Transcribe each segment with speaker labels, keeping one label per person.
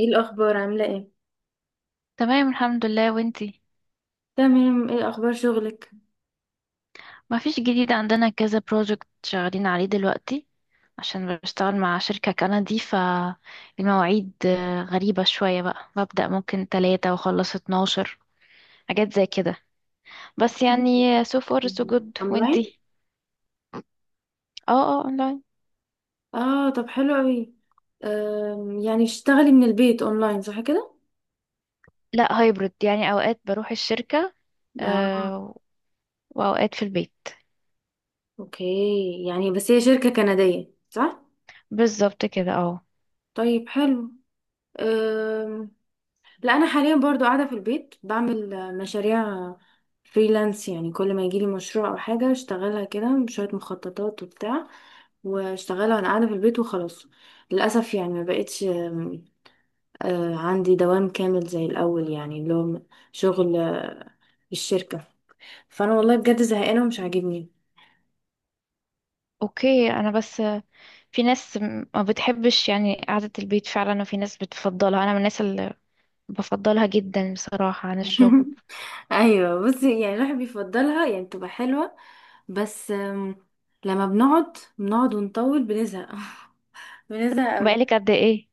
Speaker 1: ايه الاخبار؟ عامله ايه؟
Speaker 2: تمام الحمد لله وانتي.
Speaker 1: تمام. ايه اخبار شغلك؟
Speaker 2: ما فيش جديد عندنا، كذا بروجكت شغالين عليه دلوقتي عشان بشتغل مع شركة كندي، فالمواعيد غريبة شوية بقى، ببدأ ممكن تلاتة واخلص اتناشر، حاجات زي كده. بس يعني so far so good،
Speaker 1: اونلاين؟
Speaker 2: وانتي؟ اه اونلاين.
Speaker 1: اه، طب حلو قوي. يعني اشتغلي من البيت اونلاين صح كده؟
Speaker 2: لا هايبرد، يعني اوقات بروح الشركة
Speaker 1: اه
Speaker 2: آه، واوقات في البيت.
Speaker 1: اوكي، يعني بس هي شركه كنديه صح؟
Speaker 2: بالظبط كده، اه.
Speaker 1: طيب حلو. أم، لا، انا حاليا برضو قاعده في البيت بعمل مشاريع فريلانس. يعني كل ما يجيلي مشروع او حاجه اشتغلها كده بشويه مخططات وبتاع، واشتغلها وانا قاعده في البيت وخلاص. للاسف يعني ما بقتش عندي دوام كامل زي الأول، يعني اللي هو شغل الشركة. فأنا والله بجد زهقانة ومش عاجبني.
Speaker 2: اوكي، انا بس في ناس ما بتحبش يعني قعدة البيت فعلا، وفي ناس بتفضلها، انا من الناس بفضلها جدا بصراحة عن الشغل.
Speaker 1: أيوة، بصي يعني الواحد بيفضلها، يعني بتبقى حلوة بس. لما بنقعد بنقعد ونطول بنزهق. بنزهق أوي.
Speaker 2: بقالك قد ايه؟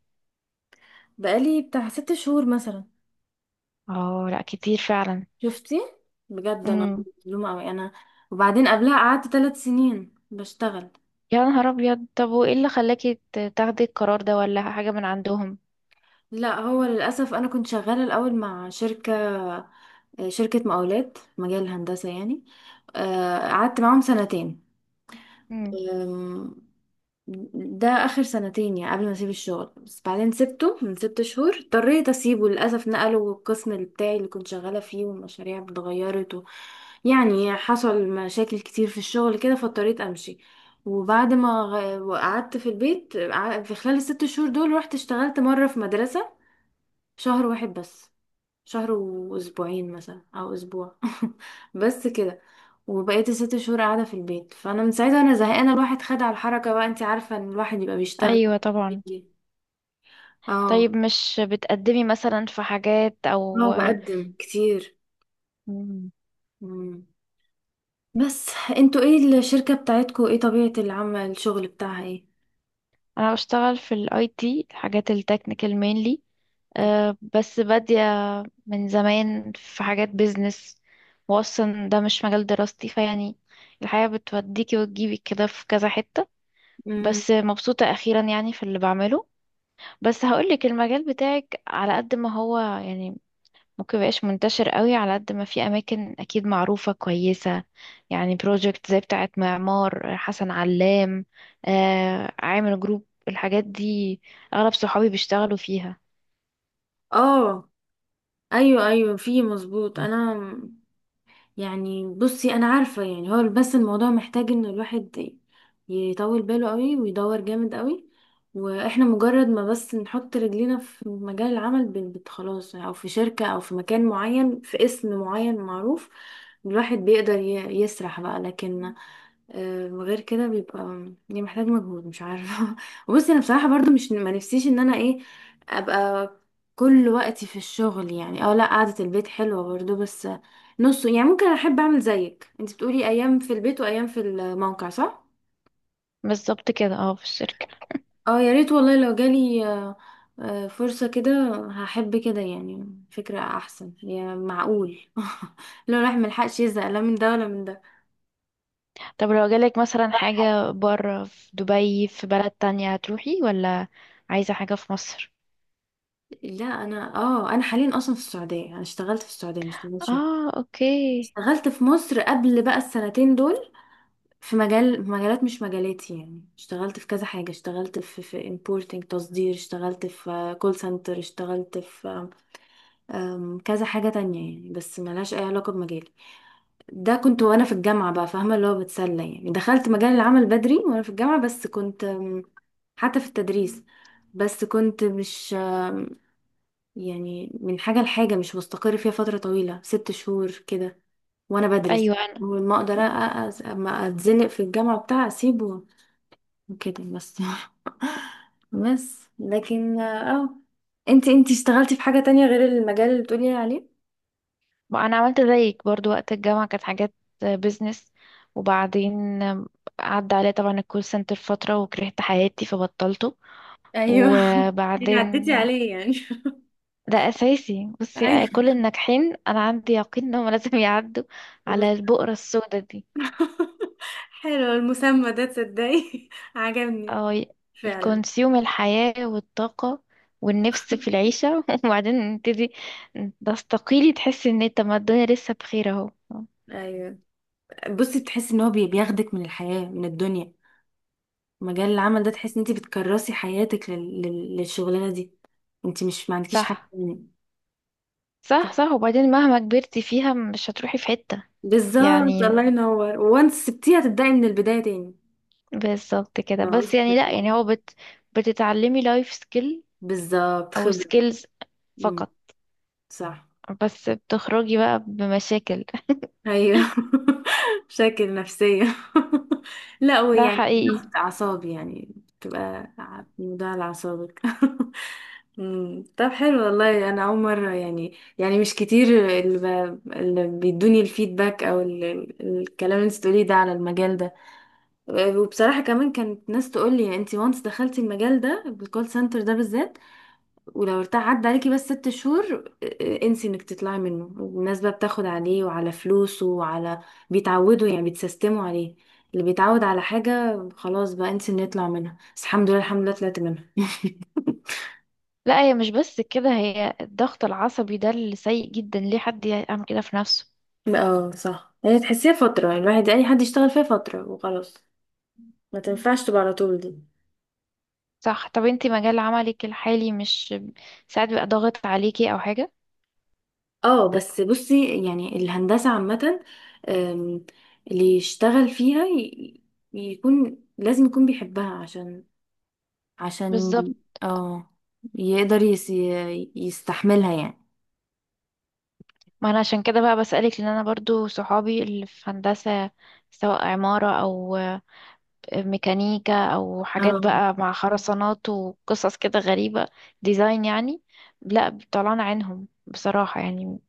Speaker 1: بقالي بتاع ست شهور مثلا.
Speaker 2: اه لا، كتير فعلا.
Speaker 1: شفتي؟ بجد أنا
Speaker 2: امم.
Speaker 1: مظلومة أوي أنا. وبعدين قبلها قعدت ثلاث سنين بشتغل.
Speaker 2: يا نهار ابيض، طب وايه اللي خلاكي تاخدي القرار ده، ولا حاجة من عندهم؟
Speaker 1: لا، هو للأسف أنا كنت شغالة الأول مع شركة، شركة مقاولات في مجال الهندسة يعني. قعدت معاهم سنتين.
Speaker 2: امم.
Speaker 1: آم، ده آخر سنتين يعني قبل ما أسيب الشغل. بس بعدين سبته من ست شهور، اضطريت أسيبه للأسف. نقلوا القسم بتاعي اللي كنت شغالة فيه، والمشاريع اتغيرت و يعني حصل مشاكل كتير في الشغل كده، فاضطريت أمشي. وبعد ما قعدت في البيت في خلال الست شهور دول، رحت اشتغلت مرة في مدرسة. شهر واحد بس. شهر واسبوعين مثلا او اسبوع. بس كده. وبقيت الست شهور قاعده في البيت، فانا من ساعتها انا زهقانه. الواحد خد على الحركه بقى، انت عارفه ان الواحد يبقى بيشتغل،
Speaker 2: ايوه طبعا.
Speaker 1: بيجي. اه،
Speaker 2: طيب مش بتقدمي مثلا في حاجات،
Speaker 1: اه
Speaker 2: او؟
Speaker 1: بقدم كتير.
Speaker 2: مم.
Speaker 1: مم. بس، انتوا ايه الشركه بتاعتكوا؟ ايه طبيعه العمل؟ الشغل بتاعها ايه؟
Speaker 2: انا بشتغل في الاي تي، حاجات التكنيكال مينلي، أه، بس بادية من زمان في حاجات بيزنس، واصلا ده مش مجال دراستي، فيعني الحياة بتوديكي وتجيبك كده في كذا حتة.
Speaker 1: مم.
Speaker 2: بس مبسوطة أخيرا يعني في اللي بعمله. بس هقولك، المجال بتاعك على قد ما هو يعني ممكن مبقاش منتشر قوي، على قد ما في أماكن أكيد معروفة كويسة، يعني بروجكت زي بتاعة معمار حسن علام، آه عامل جروب، الحاجات دي أغلب صحابي بيشتغلوا فيها.
Speaker 1: اه، ايوه ايوه، في مظبوط انا. يعني بصي، انا عارفة يعني، هو بس الموضوع محتاج ان الواحد يطول باله قوي ويدور جامد قوي. واحنا مجرد ما بس نحط رجلينا في مجال العمل خلاص، او في شركة او في مكان معين في اسم معين معروف، الواحد بيقدر يسرح بقى. لكن غير كده بيبقى يعني محتاج مجهود، مش عارفة. وبصي انا بصراحة برضو مش، ما نفسيش ان انا ايه، ابقى كل وقتي في الشغل يعني. اه لا، قعدة البيت حلوة برضو بس، نص. يعني ممكن احب اعمل زيك انت بتقولي ايام في البيت وايام في الموقع صح.
Speaker 2: بالظبط كده، اه، في الشركة.
Speaker 1: اه، يا ريت والله لو جالي فرصة كده، هحب كده يعني. فكرة احسن يعني، معقول. لو الواحد ملحقش يزهق لا من ده ولا من ده.
Speaker 2: طب لو جالك مثلا حاجة بره في دبي، في بلد تانية، هتروحي ولا عايزة حاجة في مصر؟
Speaker 1: لا، انا حاليا اصلا في السعوديه، انا اشتغلت في السعوديه، مش اشتغلت شغل.
Speaker 2: اه اوكي.
Speaker 1: اشتغلت في مصر قبل بقى السنتين دول. في مجالات مش مجالاتي يعني، اشتغلت في كذا حاجه، اشتغلت في importing تصدير، اشتغلت في كول سنتر، اشتغلت في كذا حاجة تانية يعني، بس ملهاش أي علاقة بمجالي. ده كنت وأنا في الجامعة بقى، فاهمة، اللي هو بتسلى يعني. دخلت مجال العمل بدري وأنا في الجامعة، بس كنت حتى في التدريس. بس كنت مش يعني من حاجة لحاجة، مش مستقر فيها فترة طويلة، ست شهور كده، وأنا بدرس.
Speaker 2: ايوه.
Speaker 1: وما أقدر أما أتزنق في الجامعة بتاع أسيبه وكده بس. بس لكن اه. انتي اشتغلتي في حاجة تانية غير المجال اللي بتقولي عليه؟
Speaker 2: ما انا عملت زيك برضو وقت الجامعة، كانت حاجات بيزنس، وبعدين عدى عليا طبعا الكول سنتر فترة، وكرهت حياتي فبطلته.
Speaker 1: ايوه. يعني
Speaker 2: وبعدين
Speaker 1: عديتي عليه يعني.
Speaker 2: ده اساسي، بصي
Speaker 1: ايوه.
Speaker 2: كل الناجحين انا عندي يقين انهم لازم يعدوا على
Speaker 1: بس-
Speaker 2: البؤرة السوداء دي،
Speaker 1: حلو المسمى ده، تصدقي؟ عجبني
Speaker 2: او
Speaker 1: فعلا.
Speaker 2: يكونسيوم الحياة والطاقة والنفس في العيشة وبعدين تبتدي تستقيلي، تحسي ان طب ما الدنيا لسه بخير اهو.
Speaker 1: ايوه، بصي تحسي ان هو بياخدك من الحياة من الدنيا، مجال العمل ده. تحسي ان انت بتكرسي حياتك للشغلانة دي، انت مش ما عندكيش حاجة
Speaker 2: صح،
Speaker 1: تاني. ف-
Speaker 2: صح، صح، وبعدين مهما كبرتي فيها مش هتروحي في حتة،
Speaker 1: بالظبط،
Speaker 2: يعني
Speaker 1: الله ينور. وانت سبتيها تبدأي من البداية تاني
Speaker 2: بالظبط كده.
Speaker 1: لو
Speaker 2: بس
Speaker 1: عوزتي
Speaker 2: يعني لا،
Speaker 1: ترجعي.
Speaker 2: يعني هو بت بتتعلمي لايف سكيل
Speaker 1: بالظبط،
Speaker 2: او
Speaker 1: خبرة.
Speaker 2: سكيلز
Speaker 1: امم.
Speaker 2: فقط.
Speaker 1: صح.
Speaker 2: بس بتخرجي بقى بمشاكل
Speaker 1: ايوه. مشاكل نفسية. لا هو
Speaker 2: ده
Speaker 1: يعني
Speaker 2: حقيقي.
Speaker 1: ضغط اعصاب يعني. بتبقى ده على اعصابك. طب حلو والله، انا اول مرة يعني، مش كتير اللي بيدوني الفيدباك او الكلام اللي انت بتقوليه ده على المجال ده. وبصراحة كمان كانت ناس تقول لي انت وانس دخلتي المجال ده، الكول سنتر ده بالذات، ولو ارتاح عدى عليكي بس ست شهور انسي انك تطلعي منه. الناس بقى بتاخد عليه وعلى فلوسه وعلى، بيتعودوا يعني، بيتسيستموا عليه. اللي بيتعود على حاجة خلاص بقى، انسي انه يطلع منها. بس الحمد لله، الحمد لله طلعت منها.
Speaker 2: لا هي مش بس كده، هي الضغط العصبي ده اللي سيء جدا، ليه حد يعمل كده في نفسه؟
Speaker 1: اه صح، هي تحسيها فترة يعني. الواحد، اي حد يشتغل فيها فترة وخلاص، ما تنفعش تبقى على طول دي.
Speaker 2: صح. طب انتي مجال عملك الحالي مش ساعات بيبقى ضاغط عليكي او حاجة؟
Speaker 1: اه بس بصي، يعني الهندسة عامة. ام، اللي يشتغل فيها يكون لازم يكون بيحبها، عشان عشان
Speaker 2: بالظبط.
Speaker 1: اه يقدر يستحملها يعني.
Speaker 2: ما انا عشان كده بقى بسألك، لان انا برضو صحابي اللي في هندسة، سواء عمارة او ميكانيكا او حاجات
Speaker 1: اه
Speaker 2: بقى مع خرسانات وقصص كده غريبة، ديزاين يعني، لا طلعنا عينهم بصراحة يعني.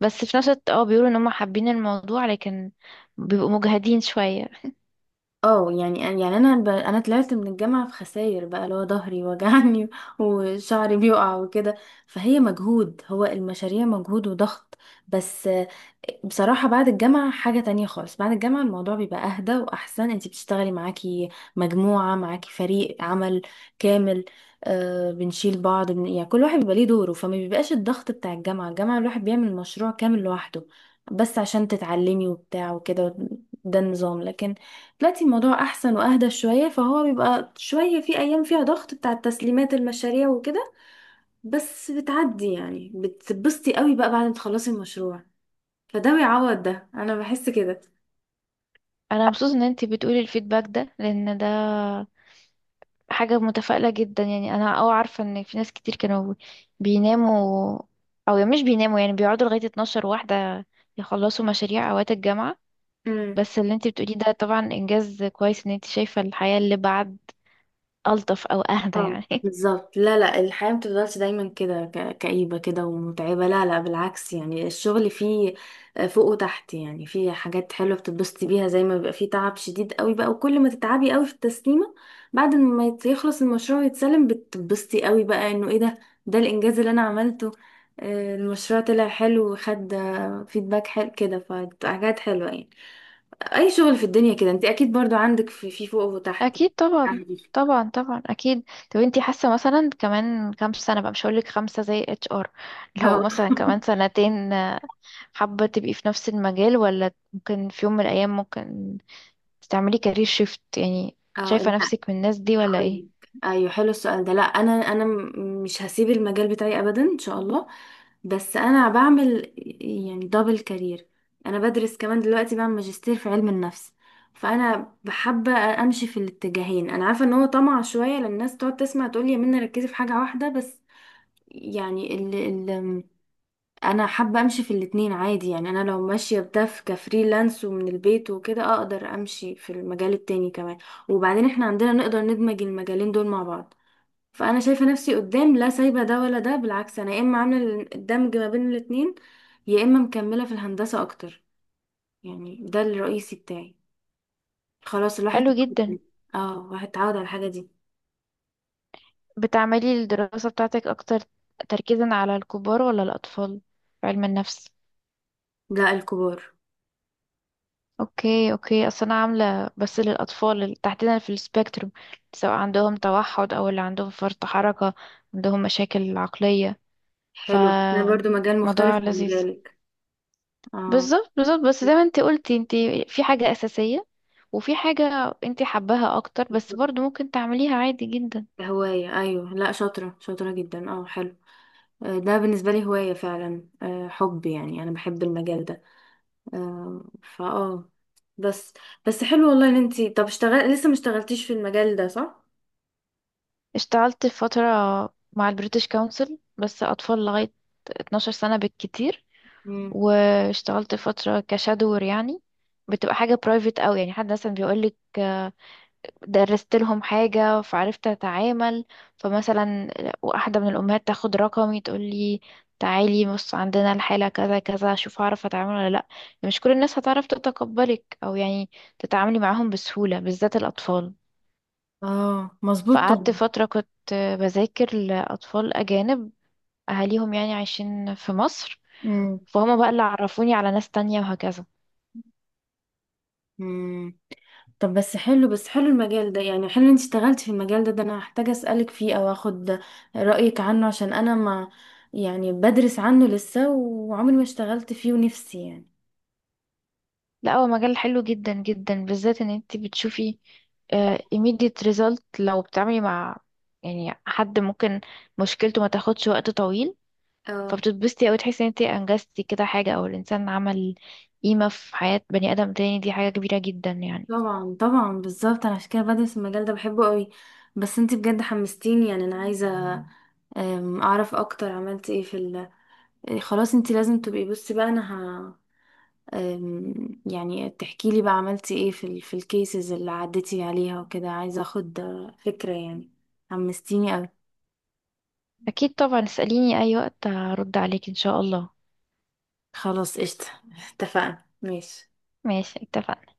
Speaker 2: بس في نفس الوقت اه بيقولوا ان هم حابين الموضوع، لكن بيبقوا مجهدين شوية.
Speaker 1: اه يعني، انا طلعت من الجامعه في خساير بقى، اللي هو ظهري وجعني. وشعري بيقع وكده. فهي مجهود، هو المشاريع مجهود وضغط. بس بصراحه بعد الجامعه حاجه تانية خالص. بعد الجامعه الموضوع بيبقى اهدى واحسن، انتي بتشتغلي، معاكي مجموعه، معاكي فريق عمل كامل. آه بنشيل بعض يعني كل واحد بيبقى ليه دوره، فما بيبقاش الضغط بتاع الجامعه. الجامعه الواحد بيعمل مشروع كامل لوحده، بس عشان تتعلمي وبتاع وكده. ده النظام. لكن دلوقتي الموضوع احسن واهدى شويه، فهو بيبقى شويه، في ايام فيها ضغط بتاع التسليمات المشاريع وكده، بس بتعدي يعني، بتتبسطي قوي بقى بعد ما تخلصي المشروع. فده بيعوض ده، انا بحس كده.
Speaker 2: انا مبسوطة ان انتي بتقولي الفيدباك ده، لان ده حاجة متفائلة جدا، يعني انا اه عارفة ان في ناس كتير كانوا بيناموا، او يعني مش بيناموا، يعني بيقعدوا لغاية 12 واحدة يخلصوا مشاريع اوقات الجامعة.
Speaker 1: امم.
Speaker 2: بس اللي انتي بتقوليه ده طبعا انجاز كويس، ان انتي شايفة الحياة اللي بعد ألطف أو أهدى
Speaker 1: اه.
Speaker 2: يعني
Speaker 1: بالظبط. لا لا، الحياة متفضلش دايما كده كئيبة كده ومتعبة. لا لا بالعكس، يعني الشغل فيه فوق وتحت يعني. فيه حاجات حلوة بتتبسطي بيها، زي ما بيبقى فيه تعب شديد قوي بقى، وكل ما تتعبي قوي في التسليمة، بعد ما يخلص المشروع ويتسلم بتتبسطي قوي بقى، انه ايه ده، ده الانجاز اللي انا عملته. المشروع طلع حلو وخد فيدباك حلو كده، فحاجات حلوة يعني. اي شغل في الدنيا كده، انت اكيد برضو عندك في فوق وتحت
Speaker 2: أكيد طبعا.
Speaker 1: يعني.
Speaker 2: طبعا طبعا أكيد. طب أنتي حاسة مثلا كمان كام سنة بقى، مش هقولك خمسة زي اتش ار لو
Speaker 1: اه.
Speaker 2: مثلا كمان سنتين حابة تبقي في نفس المجال، ولا ممكن في يوم من الأيام ممكن تعملي كارير شيفت يعني،
Speaker 1: اه.
Speaker 2: شايفة
Speaker 1: لا
Speaker 2: نفسك من الناس دي ولا ايه؟
Speaker 1: هقولك، ايوه، حلو السؤال ده. لا، مش هسيب المجال بتاعي ابدا ان شاء الله. بس انا بعمل يعني دبل كارير. انا بدرس كمان دلوقتي، بعمل ماجستير في علم النفس. فانا بحب امشي في الاتجاهين. انا عارفه ان هو طمع شويه، لان الناس تقعد تسمع، تقول لي يا منى ركزي في حاجه واحده بس، يعني. انا حابه امشي في الاتنين عادي يعني. انا لو ماشيه بده في كفريلانس ومن البيت وكده، اقدر امشي في المجال التاني كمان. وبعدين احنا عندنا نقدر ندمج المجالين دول مع بعض. فانا شايفه نفسي قدام لا سايبه ده ولا ده. بالعكس، انا يا اما عامله الدمج ما بين الاتنين، يا اما مكمله في الهندسه اكتر يعني، ده الرئيسي بتاعي. خلاص
Speaker 2: حلو جدا.
Speaker 1: الواحد اتعود على الحاجه دي.
Speaker 2: بتعملي الدراسة بتاعتك أكتر تركيزا على الكبار ولا الأطفال في علم النفس؟
Speaker 1: لا الكبار.
Speaker 2: اوكي، اوكي. اصل انا عامله بس للاطفال اللي تحديدا في السبيكتروم، سواء عندهم توحد او اللي عندهم فرط حركه، عندهم مشاكل عقليه، ف
Speaker 1: حلو ده برضو، مجال مختلف
Speaker 2: موضوع
Speaker 1: عن
Speaker 2: لذيذ.
Speaker 1: مجالك. اه.
Speaker 2: بالظبط بالظبط، بس زي ما انت قلتي، انت في حاجه اساسيه، وفي حاجه انت حباها اكتر بس برضو ممكن تعمليها عادي جدا.
Speaker 1: هواية، أيوة. لا، شاطرة شاطرة جدا، اه. حلو. ده بالنسبة لي هواية فعلا، حب يعني، أنا بحب المجال ده. آه، فاه. بس بس حلو والله إن انتي، طب اشتغل لسه ما اشتغلتيش في المجال ده صح؟
Speaker 2: اشتغلت فتره مع البريتش كونسل، بس اطفال لغايه 12 سنه بالكتير.
Speaker 1: مم.
Speaker 2: واشتغلت فترة كشادور يعني، بتبقى حاجة برايفت قوي، يعني حد مثلا بيقولك درست لهم حاجة فعرفت أتعامل، فمثلا واحدة من الأمهات تاخد رقمي تقولي تعالي بص عندنا الحالة كذا كذا، شوف هعرف أتعامل ولا لأ، يعني مش كل الناس هتعرف تتقبلك، أو يعني تتعاملي معاهم بسهولة، بالذات الأطفال.
Speaker 1: اه، مظبوط
Speaker 2: فقعدت
Speaker 1: طبعا.
Speaker 2: فترة كنت بذاكر لأطفال أجانب، أهاليهم يعني عايشين في مصر،
Speaker 1: امم.
Speaker 2: فهم بقى اللي عرفوني على ناس تانية وهكذا.
Speaker 1: مم. طب بس حلو المجال ده يعني، حلو إن انتي اشتغلتي في المجال ده. ده أنا هحتاج أسألك فيه أو أخد رأيك عنه، عشان أنا ما، يعني بدرس عنه لسه وعمري ما اشتغلت فيه، ونفسي يعني.
Speaker 2: لا هو مجال حلو جدا جدا، بالذات ان انت بتشوفي immediate result لو بتعملي مع يعني حد ممكن مشكلته ما تاخدش وقت طويل،
Speaker 1: اه
Speaker 2: فبتتبسطي، او تحسي ان انت انجزتي كده حاجة، او الانسان عمل قيمة في حياة بني ادم تاني، دي حاجة كبيرة جدا يعني.
Speaker 1: طبعا طبعا بالظبط، انا عشان كده بدرس المجال ده، بحبه قوي. بس انتي بجد حمستيني يعني، انا عايزه اعرف اكتر، عملت ايه في خلاص انتي لازم تبقي، بصي بقى انا ه... يعني تحكي لي بقى عملتي ايه في الكيسز اللي عديتي عليها وكده، عايزه اخد فكره يعني، حمستيني قوي.
Speaker 2: اكيد طبعا، اسأليني اي وقت هرد عليك ان شاء الله.
Speaker 1: خلاص قشطه. اتفقنا، ماشي.
Speaker 2: ماشي اتفقنا.